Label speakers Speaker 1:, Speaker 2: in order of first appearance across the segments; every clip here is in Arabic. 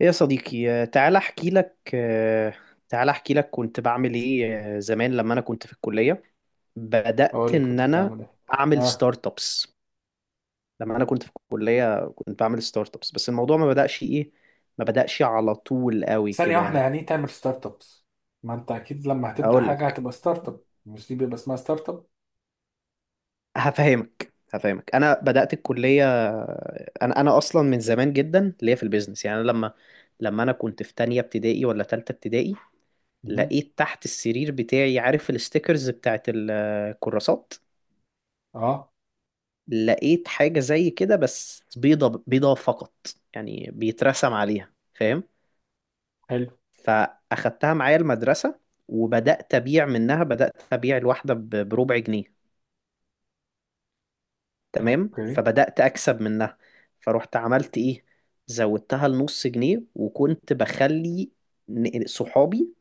Speaker 1: ايه يا صديقي تعالى احكي لك تعالى احكي لك كنت بعمل ايه زمان لما انا كنت في الكلية بدأت
Speaker 2: اقول لك
Speaker 1: ان
Speaker 2: كنت
Speaker 1: انا
Speaker 2: هتعمل ايه.
Speaker 1: اعمل
Speaker 2: اه.
Speaker 1: ستارت ابس. لما انا كنت في الكلية كنت بعمل ستارت ابس، بس الموضوع ما بدأش ايه، ما بدأش على طول قوي
Speaker 2: ثانيه
Speaker 1: كده
Speaker 2: واحده،
Speaker 1: يعني.
Speaker 2: يعني ايه تعمل ستارت ابس؟ ما انت اكيد لما هتبدا
Speaker 1: اقول
Speaker 2: حاجه
Speaker 1: لك،
Speaker 2: هتبقى ستارت اب، مش دي بيبقى اسمها ستارت اب؟
Speaker 1: هفهمك. انا بدأت الكلية، انا اصلا من زمان جدا ليا في البيزنس. يعني أنا لما انا كنت في تانية ابتدائي ولا تالتة ابتدائي،
Speaker 2: مهم.
Speaker 1: لقيت تحت السرير بتاعي، عارف الستيكرز بتاعت الكراسات،
Speaker 2: اه.
Speaker 1: لقيت حاجة زي كده بس بيضة بيضة فقط، يعني بيترسم عليها، فاهم؟
Speaker 2: حلو.
Speaker 1: فأخدتها معايا المدرسة وبدأت أبيع منها. بدأت أبيع الواحدة بربع جنيه، تمام،
Speaker 2: اوكي.
Speaker 1: فبدأت أكسب منها. فروحت عملت إيه، زودتها لنص جنيه وكنت بخلي صحابي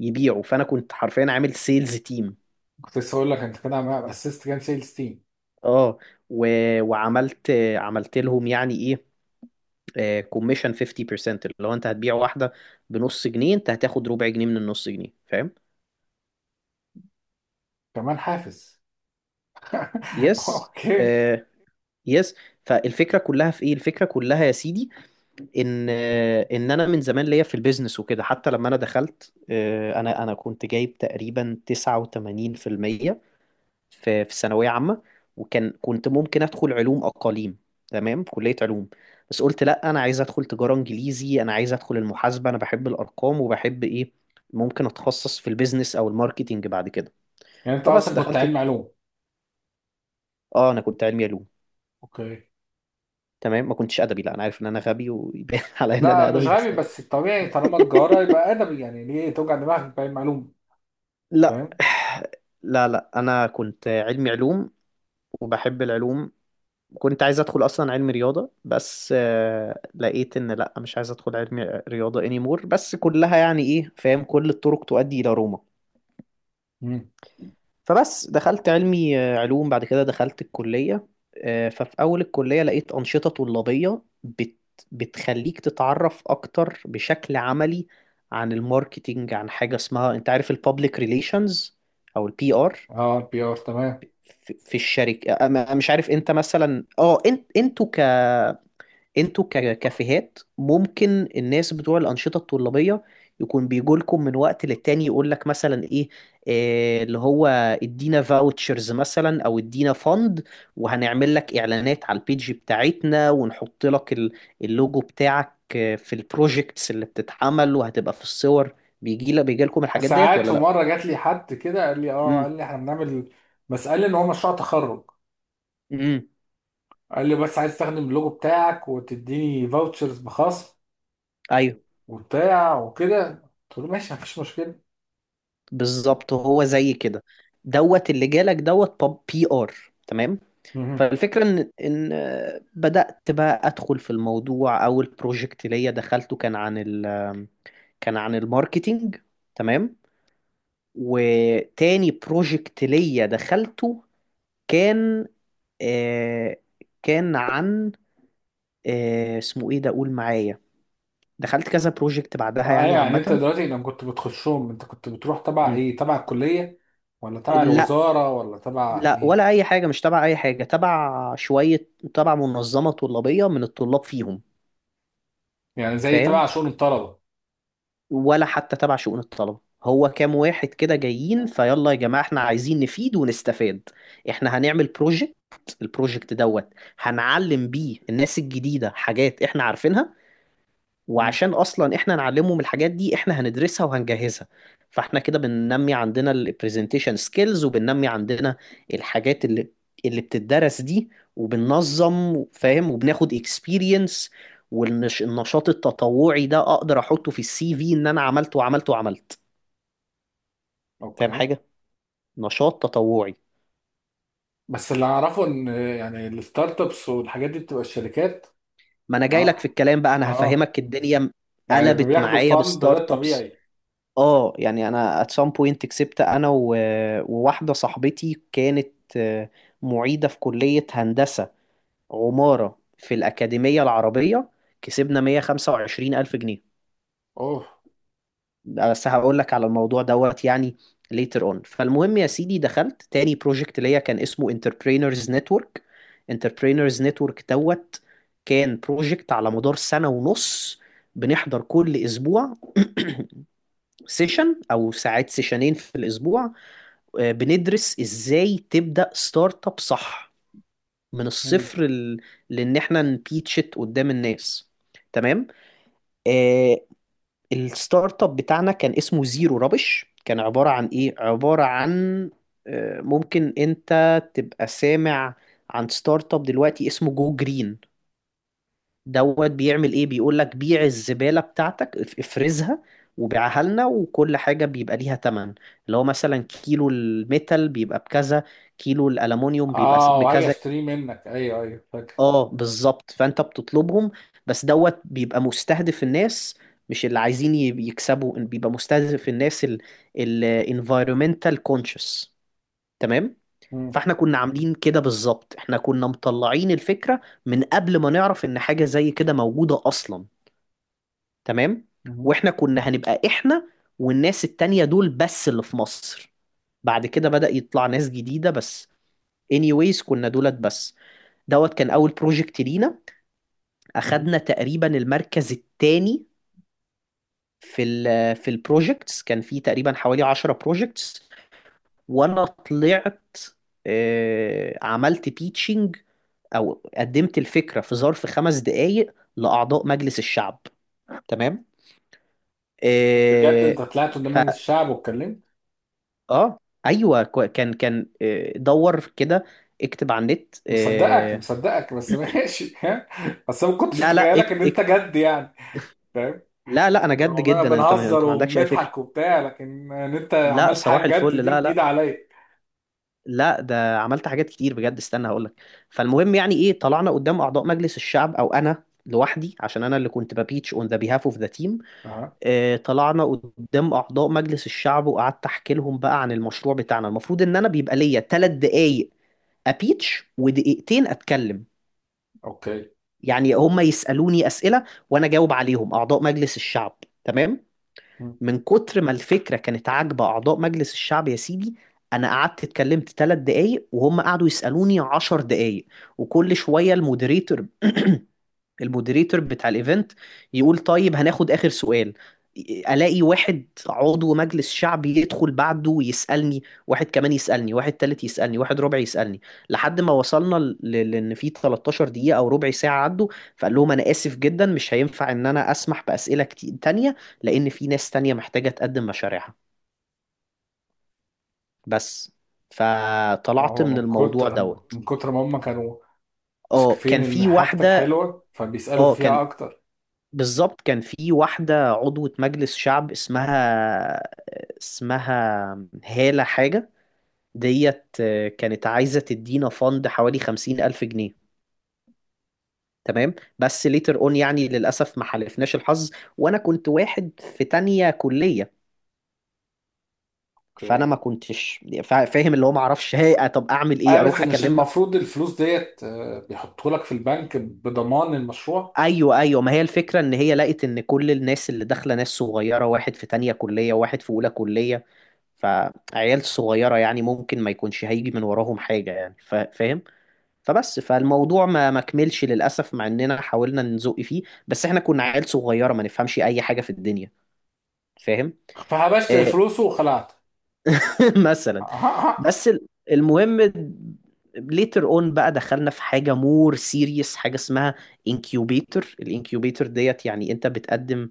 Speaker 1: يبيعوا. فأنا كنت حرفيا عامل سيلز تيم.
Speaker 2: كنت لسه اقول لك انت كده عم اسست كام سيلز تيم.
Speaker 1: اه و... وعملت، عملت لهم يعني ايه، كوميشن 50%، اللي هو انت هتبيع واحده بنص جنيه، انت هتاخد ربع جنيه من النص جنيه، فاهم؟
Speaker 2: كمان حافز.
Speaker 1: يس،
Speaker 2: اوكي.
Speaker 1: آه، يس. فالفكره كلها في ايه، الفكره كلها يا سيدي، ان انا من زمان ليا في البيزنس وكده. حتى لما انا دخلت انا كنت جايب تقريبا 89% في في ثانوية عامة، وكان كنت ممكن أدخل علوم أقاليم، تمام، كلية علوم. بس قلت لأ، أنا عايز أدخل تجارة إنجليزي، أنا عايز أدخل المحاسبة، أنا بحب الأرقام وبحب إيه، ممكن أتخصص في البيزنس أو الماركتينج بعد كده.
Speaker 2: يعني انت
Speaker 1: فبس
Speaker 2: اصلا كنت
Speaker 1: دخلت،
Speaker 2: علم علوم؟
Speaker 1: آه، أنا كنت علمي علوم،
Speaker 2: اوكي.
Speaker 1: تمام. ما كنتش أدبي، لأ، أنا عارف إن أنا غبي ويبان على إن أنا
Speaker 2: لا مش
Speaker 1: أدبي،
Speaker 2: غبي،
Speaker 1: بس لأ.
Speaker 2: بس الطبيعي طالما تجاره يبقى ادبي، يعني ليه توجع دماغك بعلم علوم؟
Speaker 1: لا.
Speaker 2: فاهم.
Speaker 1: لا أنا كنت علمي علوم وبحب العلوم. كنت عايز ادخل اصلا علم رياضه، بس لقيت ان لا، مش عايز ادخل علم رياضه anymore. بس كلها يعني ايه، فاهم، كل الطرق تؤدي الى روما.
Speaker 2: مم.
Speaker 1: فبس دخلت علمي علوم. بعد كده دخلت الكليه. ففي اول الكليه لقيت انشطه طلابيه بتخليك تتعرف اكتر بشكل عملي عن الماركتينج، عن حاجه اسمها، انت عارف، البابليك ريليشنز او البي ار
Speaker 2: اه، البي ار تمام.
Speaker 1: في في الشركه. أنا- أنا مش عارف انت مثلا، اه، انت ككافيهات ممكن الناس بتوع الأنشطة الطلابية يكون بيجولكم من وقت للتاني، يقول لك مثلا ايه، اللي هو ادينا فاوتشرز مثلا او ادينا فند، وهنعمل لك اعلانات على البيج بتاعتنا، ونحط لك اللوجو بتاعك في البروجيكتس اللي بتتعمل وهتبقى في الصور. بيجي لك، بيجي لكم الحاجات ديت
Speaker 2: ساعات
Speaker 1: ولا
Speaker 2: في
Speaker 1: لا؟
Speaker 2: مره جات لي حد كده، قال لي اه
Speaker 1: امم.
Speaker 2: قال لي احنا بنعمل، بس قال لي ان هو مشروع تخرج،
Speaker 1: امم.
Speaker 2: قال لي بس عايز استخدم اللوجو بتاعك وتديني فاوتشرز بخصم،
Speaker 1: ايوه،
Speaker 2: وبتاع وكده. قلت له ماشي، مفيش مشكله.
Speaker 1: بالظبط، هو زي كده دوت. اللي جالك دوت بي ار، تمام.
Speaker 2: مهم.
Speaker 1: فالفكرة إن بدأت بقى أدخل في الموضوع. أول بروجكت ليا دخلته كان عن ال، كان عن الماركتينج، تمام. وتاني بروجكت ليا دخلته كان، آه، كان عن، آه، اسمه إيه ده، قول معايا. دخلت كذا بروجكت بعدها
Speaker 2: فأي،
Speaker 1: يعني
Speaker 2: يعني انت
Speaker 1: عامة.
Speaker 2: دلوقتي لما كنت بتخشهم، انت كنت بتروح تبع
Speaker 1: مم.
Speaker 2: ايه، تبع الكليه ولا تبع
Speaker 1: لا.
Speaker 2: الوزاره ولا تبع
Speaker 1: لا،
Speaker 2: ايه؟
Speaker 1: ولا أي حاجة، مش تبع أي حاجة، تبع شوية، تبع منظمة طلابية من الطلاب فيهم،
Speaker 2: يعني زي
Speaker 1: فاهم؟
Speaker 2: تبع شؤون الطلبه.
Speaker 1: ولا حتى تبع شؤون الطلبة. هو كام واحد كده جايين، فيلا يا جماعة احنا عايزين نفيد ونستفاد، احنا هنعمل بروجكت، البروجكت دوت هنعلم بيه الناس الجديدة حاجات احنا عارفينها.
Speaker 2: مم.
Speaker 1: وعشان اصلا احنا نعلمهم من الحاجات دي، احنا هندرسها وهنجهزها. فاحنا كده بننمي عندنا البرزنتيشن سكيلز، وبننمي عندنا الحاجات اللي بتدرس دي، وبننظم، فاهم، وبناخد اكسبيرينس. والنشاط التطوعي ده اقدر احطه في السي في، ان انا عملت وعملت وعملت، فاهم،
Speaker 2: اوكي.
Speaker 1: حاجة نشاط تطوعي.
Speaker 2: بس اللي اعرفه ان يعني الستارت ابس والحاجات دي بتبقى الشركات.
Speaker 1: ما انا جاي لك
Speaker 2: اه،
Speaker 1: في الكلام بقى، انا
Speaker 2: اه،
Speaker 1: هفهمك. الدنيا
Speaker 2: يعني
Speaker 1: قلبت
Speaker 2: بياخدوا
Speaker 1: معايا
Speaker 2: فند غير
Speaker 1: بستارت ابس.
Speaker 2: طبيعي.
Speaker 1: اه، يعني انا at some point كسبت انا وواحده صاحبتي كانت، آه، معيده في كليه هندسه عماره في الاكاديميه العربيه، كسبنا 125 الف جنيه.
Speaker 2: اوه.
Speaker 1: بس هقول لك على الموضوع دوت يعني later on. فالمهم يا سيدي، دخلت تاني بروجكت ليا كان اسمه Entrepreneurs Network. Entrepreneurs Network دوت كان بروجكت على مدار سنه ونص، بنحضر كل اسبوع سيشن، او ساعات سيشنين في الاسبوع، بندرس ازاي تبدأ ستارت اب، صح، من
Speaker 2: مم.
Speaker 1: الصفر لان احنا نبيتشت قدام الناس، تمام. آه، الستارت اب بتاعنا كان اسمه زيرو رابش، كان عبارة عن ايه، عبارة عن، آه، ممكن انت تبقى سامع عن ستارت اب دلوقتي اسمه جو جرين دوت، بيعمل ايه، بيقول لك بيع الزبالة بتاعتك، افرزها وبيعها لنا، وكل حاجة بيبقى ليها تمن، اللي هو مثلا كيلو الميتال بيبقى بكذا، كيلو الألمونيوم بيبقى
Speaker 2: اه وهاجي
Speaker 1: بكذا.
Speaker 2: اشتريه منك، ايوه ايوه فاكر.
Speaker 1: اه، بالظبط، فانت بتطلبهم. بس دوت بيبقى مستهدف الناس مش اللي عايزين يكسبوا، بيبقى مستهدف الناس ال، ال environmental conscious، تمام.
Speaker 2: مم.
Speaker 1: فاحنا كنا عاملين كده بالظبط، احنا كنا مطلعين الفكرة من قبل ما نعرف ان حاجة زي كده موجودة اصلا، تمام. واحنا كنا هنبقى احنا والناس التانية دول بس اللي في مصر، بعد كده بدأ يطلع ناس جديدة بس. anyways كنا دولت بس. دوت كان اول بروجكت لينا،
Speaker 2: مهم.
Speaker 1: اخدنا تقريبا المركز الثاني في ال، في البروجكتس، كان في تقريبا حوالي 10 بروجكتس. وانا طلعت، عملت تيتشنج، او قدمت الفكره في ظرف 5 دقائق لاعضاء مجلس الشعب، تمام.
Speaker 2: طب بجد
Speaker 1: آه،
Speaker 2: انت طلعت قدام
Speaker 1: ف
Speaker 2: مجلس الشعب واتكلمت؟
Speaker 1: اه، ايوه، كان دور كده، اكتب على النت.
Speaker 2: مصدقك
Speaker 1: آه،
Speaker 2: مصدقك، بس ماشي. ها. بس أنا ما كنتش
Speaker 1: لا لا
Speaker 2: متخيلك ان
Speaker 1: اكت
Speaker 2: انت
Speaker 1: اكت
Speaker 2: جد يعني. فاهم.
Speaker 1: لا لا، انا جد
Speaker 2: عمالنا
Speaker 1: جدا، انت ما،
Speaker 2: بنهزر
Speaker 1: انت ما عندكش اي فكره.
Speaker 2: وبنضحك وبتاع، لكن ان انت
Speaker 1: لا
Speaker 2: عملت
Speaker 1: صباح
Speaker 2: حاجه جد
Speaker 1: الفل،
Speaker 2: دي
Speaker 1: لا،
Speaker 2: جديده عليا.
Speaker 1: لا، ده عملت حاجات كتير بجد، استنى هقول لك. فالمهم يعني ايه، طلعنا قدام اعضاء مجلس الشعب، او انا لوحدي عشان انا اللي كنت ببيتش اون ذا بيهاف اوف ذا تيم.
Speaker 2: اها.
Speaker 1: طلعنا قدام اعضاء مجلس الشعب، وقعدت احكي لهم بقى عن المشروع بتاعنا. المفروض ان انا بيبقى ليا 3 دقايق ابيتش ودقيقتين اتكلم،
Speaker 2: اوكي.
Speaker 1: يعني هم يسألوني أسئلة وأنا أجاوب عليهم، أعضاء مجلس الشعب، تمام.
Speaker 2: مم.
Speaker 1: من كتر ما الفكرة كانت عاجبة أعضاء مجلس الشعب يا سيدي، أنا قعدت اتكلمت 3 دقايق، وهم قعدوا يسألوني 10 دقايق. وكل شوية المودريتور المودريتور بتاع الايفنت يقول طيب هناخد اخر سؤال، الاقي واحد عضو مجلس شعبي يدخل بعده ويسالني، واحد كمان يسالني، واحد تالت يسالني، واحد ربع يسالني، لحد ما وصلنا لان في 13 دقيقه او ربع ساعه عدوا. فقال لهم انا اسف جدا، مش هينفع ان انا اسمح باسئله كتير تانية، لان في ناس تانية محتاجه تقدم مشاريعها، بس. فطلعت
Speaker 2: هو
Speaker 1: من
Speaker 2: من
Speaker 1: الموضوع
Speaker 2: كتر
Speaker 1: دوت.
Speaker 2: من كتر ما هم كانوا
Speaker 1: اه
Speaker 2: شايفين
Speaker 1: كان
Speaker 2: ان
Speaker 1: في
Speaker 2: حاجتك
Speaker 1: واحده،
Speaker 2: حلوه فبيسالوا
Speaker 1: اه كان،
Speaker 2: فيها اكتر.
Speaker 1: بالظبط، كان في واحدة عضوة مجلس شعب اسمها، اسمها هالة حاجة ديت، كانت عايزة تدينا فند حوالي 50 ألف جنيه، تمام. بس ليتر اون يعني للأسف ما حالفناش الحظ، وأنا كنت واحد في تانية كلية. فأنا
Speaker 2: اوكي.
Speaker 1: ما كنتش فاهم اللي هو، ما اعرفش هي، طب أعمل إيه،
Speaker 2: اه بس
Speaker 1: أروح
Speaker 2: مش
Speaker 1: أكلمها.
Speaker 2: المفروض الفلوس ديت بيحطوا لك في البنك بضمان المشروع؟
Speaker 1: ايوه ايوه، ما هي الفكره ان هي لقت ان كل الناس اللي داخله ناس صغيره، واحد في تانية كليه وواحد في اولى كليه، فعيال صغيره، يعني ممكن ما يكونش هيجي من وراهم حاجه، يعني فاهم. فبس فالموضوع ما كملش للاسف، مع اننا حاولنا نزق فيه، بس احنا كنا عيال صغيره، ما نفهمش اي حاجه في الدنيا، فاهم.
Speaker 2: فهبشت
Speaker 1: آه،
Speaker 2: الفلوس وخلعت.
Speaker 1: مثلا. بس المهم، later on بقى دخلنا في حاجة more serious، حاجة اسمها incubator. الانكيوبيتور ديت يعني انت بتقدم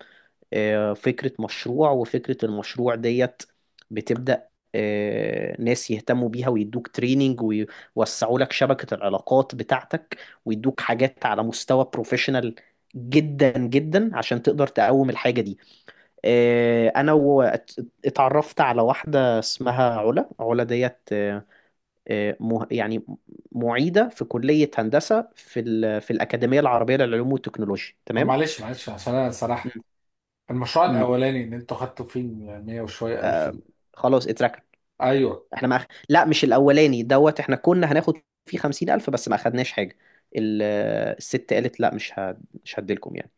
Speaker 1: فكرة مشروع، وفكرة المشروع ديت بتبدأ ناس يهتموا بيها ويدوك تريننج ويوسعوا لك شبكة العلاقات بتاعتك، ويدوك حاجات على مستوى بروفيشنال جدا جدا عشان تقدر تقوم الحاجة دي. آه، انا و- ات- اتعرفت على واحدة اسمها علا. علا ديت يعني معيدة في كلية هندسة في في الأكاديمية العربية للعلوم والتكنولوجيا،
Speaker 2: طب
Speaker 1: تمام؟
Speaker 2: معلش معلش، عشان انا
Speaker 1: مم.
Speaker 2: سرحت. المشروع
Speaker 1: مم.
Speaker 2: الاولاني ان انتوا خدتوا فيه ال 100 وشويه الف ده.
Speaker 1: خلاص اتركت.
Speaker 2: ايوه.
Speaker 1: احنا ما أخ... لا مش الاولاني دوت، احنا كنا هناخد فيه 50 الف بس ما اخدناش حاجه. ال... آه، الست قالت لا، مش هديلكم يعني.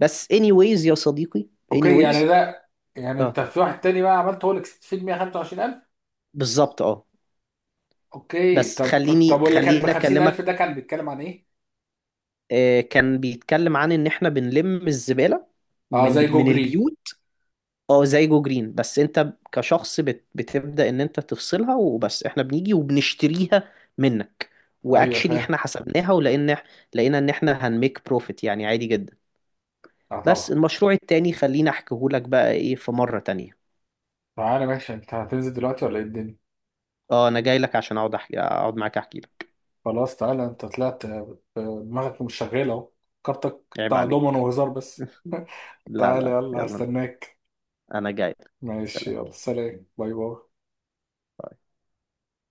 Speaker 1: بس anyways يا صديقي،
Speaker 2: اوكي يعني
Speaker 1: anyways.
Speaker 2: ده. يعني
Speaker 1: اه،
Speaker 2: انت في واحد تاني بقى عملت هو اللي كسبت فيه ال 125000.
Speaker 1: بالظبط، اه.
Speaker 2: اوكي.
Speaker 1: بس
Speaker 2: طب
Speaker 1: خليني،
Speaker 2: واللي كان ب
Speaker 1: خليني
Speaker 2: 50000
Speaker 1: اكلمك.
Speaker 2: ده كان بيتكلم عن ايه؟
Speaker 1: آه كان بيتكلم عن ان احنا بنلم الزباله
Speaker 2: اه زي
Speaker 1: من
Speaker 2: جو
Speaker 1: من
Speaker 2: جرين.
Speaker 1: البيوت. اه زي جو جرين، بس انت كشخص بتبدأ ان انت تفصلها وبس، احنا بنيجي وبنشتريها منك.
Speaker 2: ايوه
Speaker 1: واكشلي
Speaker 2: فاهم.
Speaker 1: احنا حسبناها، لقينا ان احنا هنميك بروفيت يعني عادي جدا.
Speaker 2: اه
Speaker 1: بس
Speaker 2: طبعا.
Speaker 1: المشروع التاني خليني احكيهولك بقى ايه في مرة تانية.
Speaker 2: تعالى ماشي، انت هتنزل دلوقتي ولا ايه الدنيا؟
Speaker 1: اه انا جاي لك عشان اقعد احكي، اقعد معاك احكي لك.
Speaker 2: خلاص تعالى، انت طلعت دماغك مش شغاله اهو. كارتك
Speaker 1: عيب
Speaker 2: بتاع دومن
Speaker 1: عليك.
Speaker 2: وهزار بس.
Speaker 1: لا
Speaker 2: تعالى
Speaker 1: لا
Speaker 2: يلا
Speaker 1: يلا،
Speaker 2: هستناك.
Speaker 1: انا جاي لك.
Speaker 2: ماشي
Speaker 1: سلام،
Speaker 2: يلا، سلام باي باي.
Speaker 1: باي.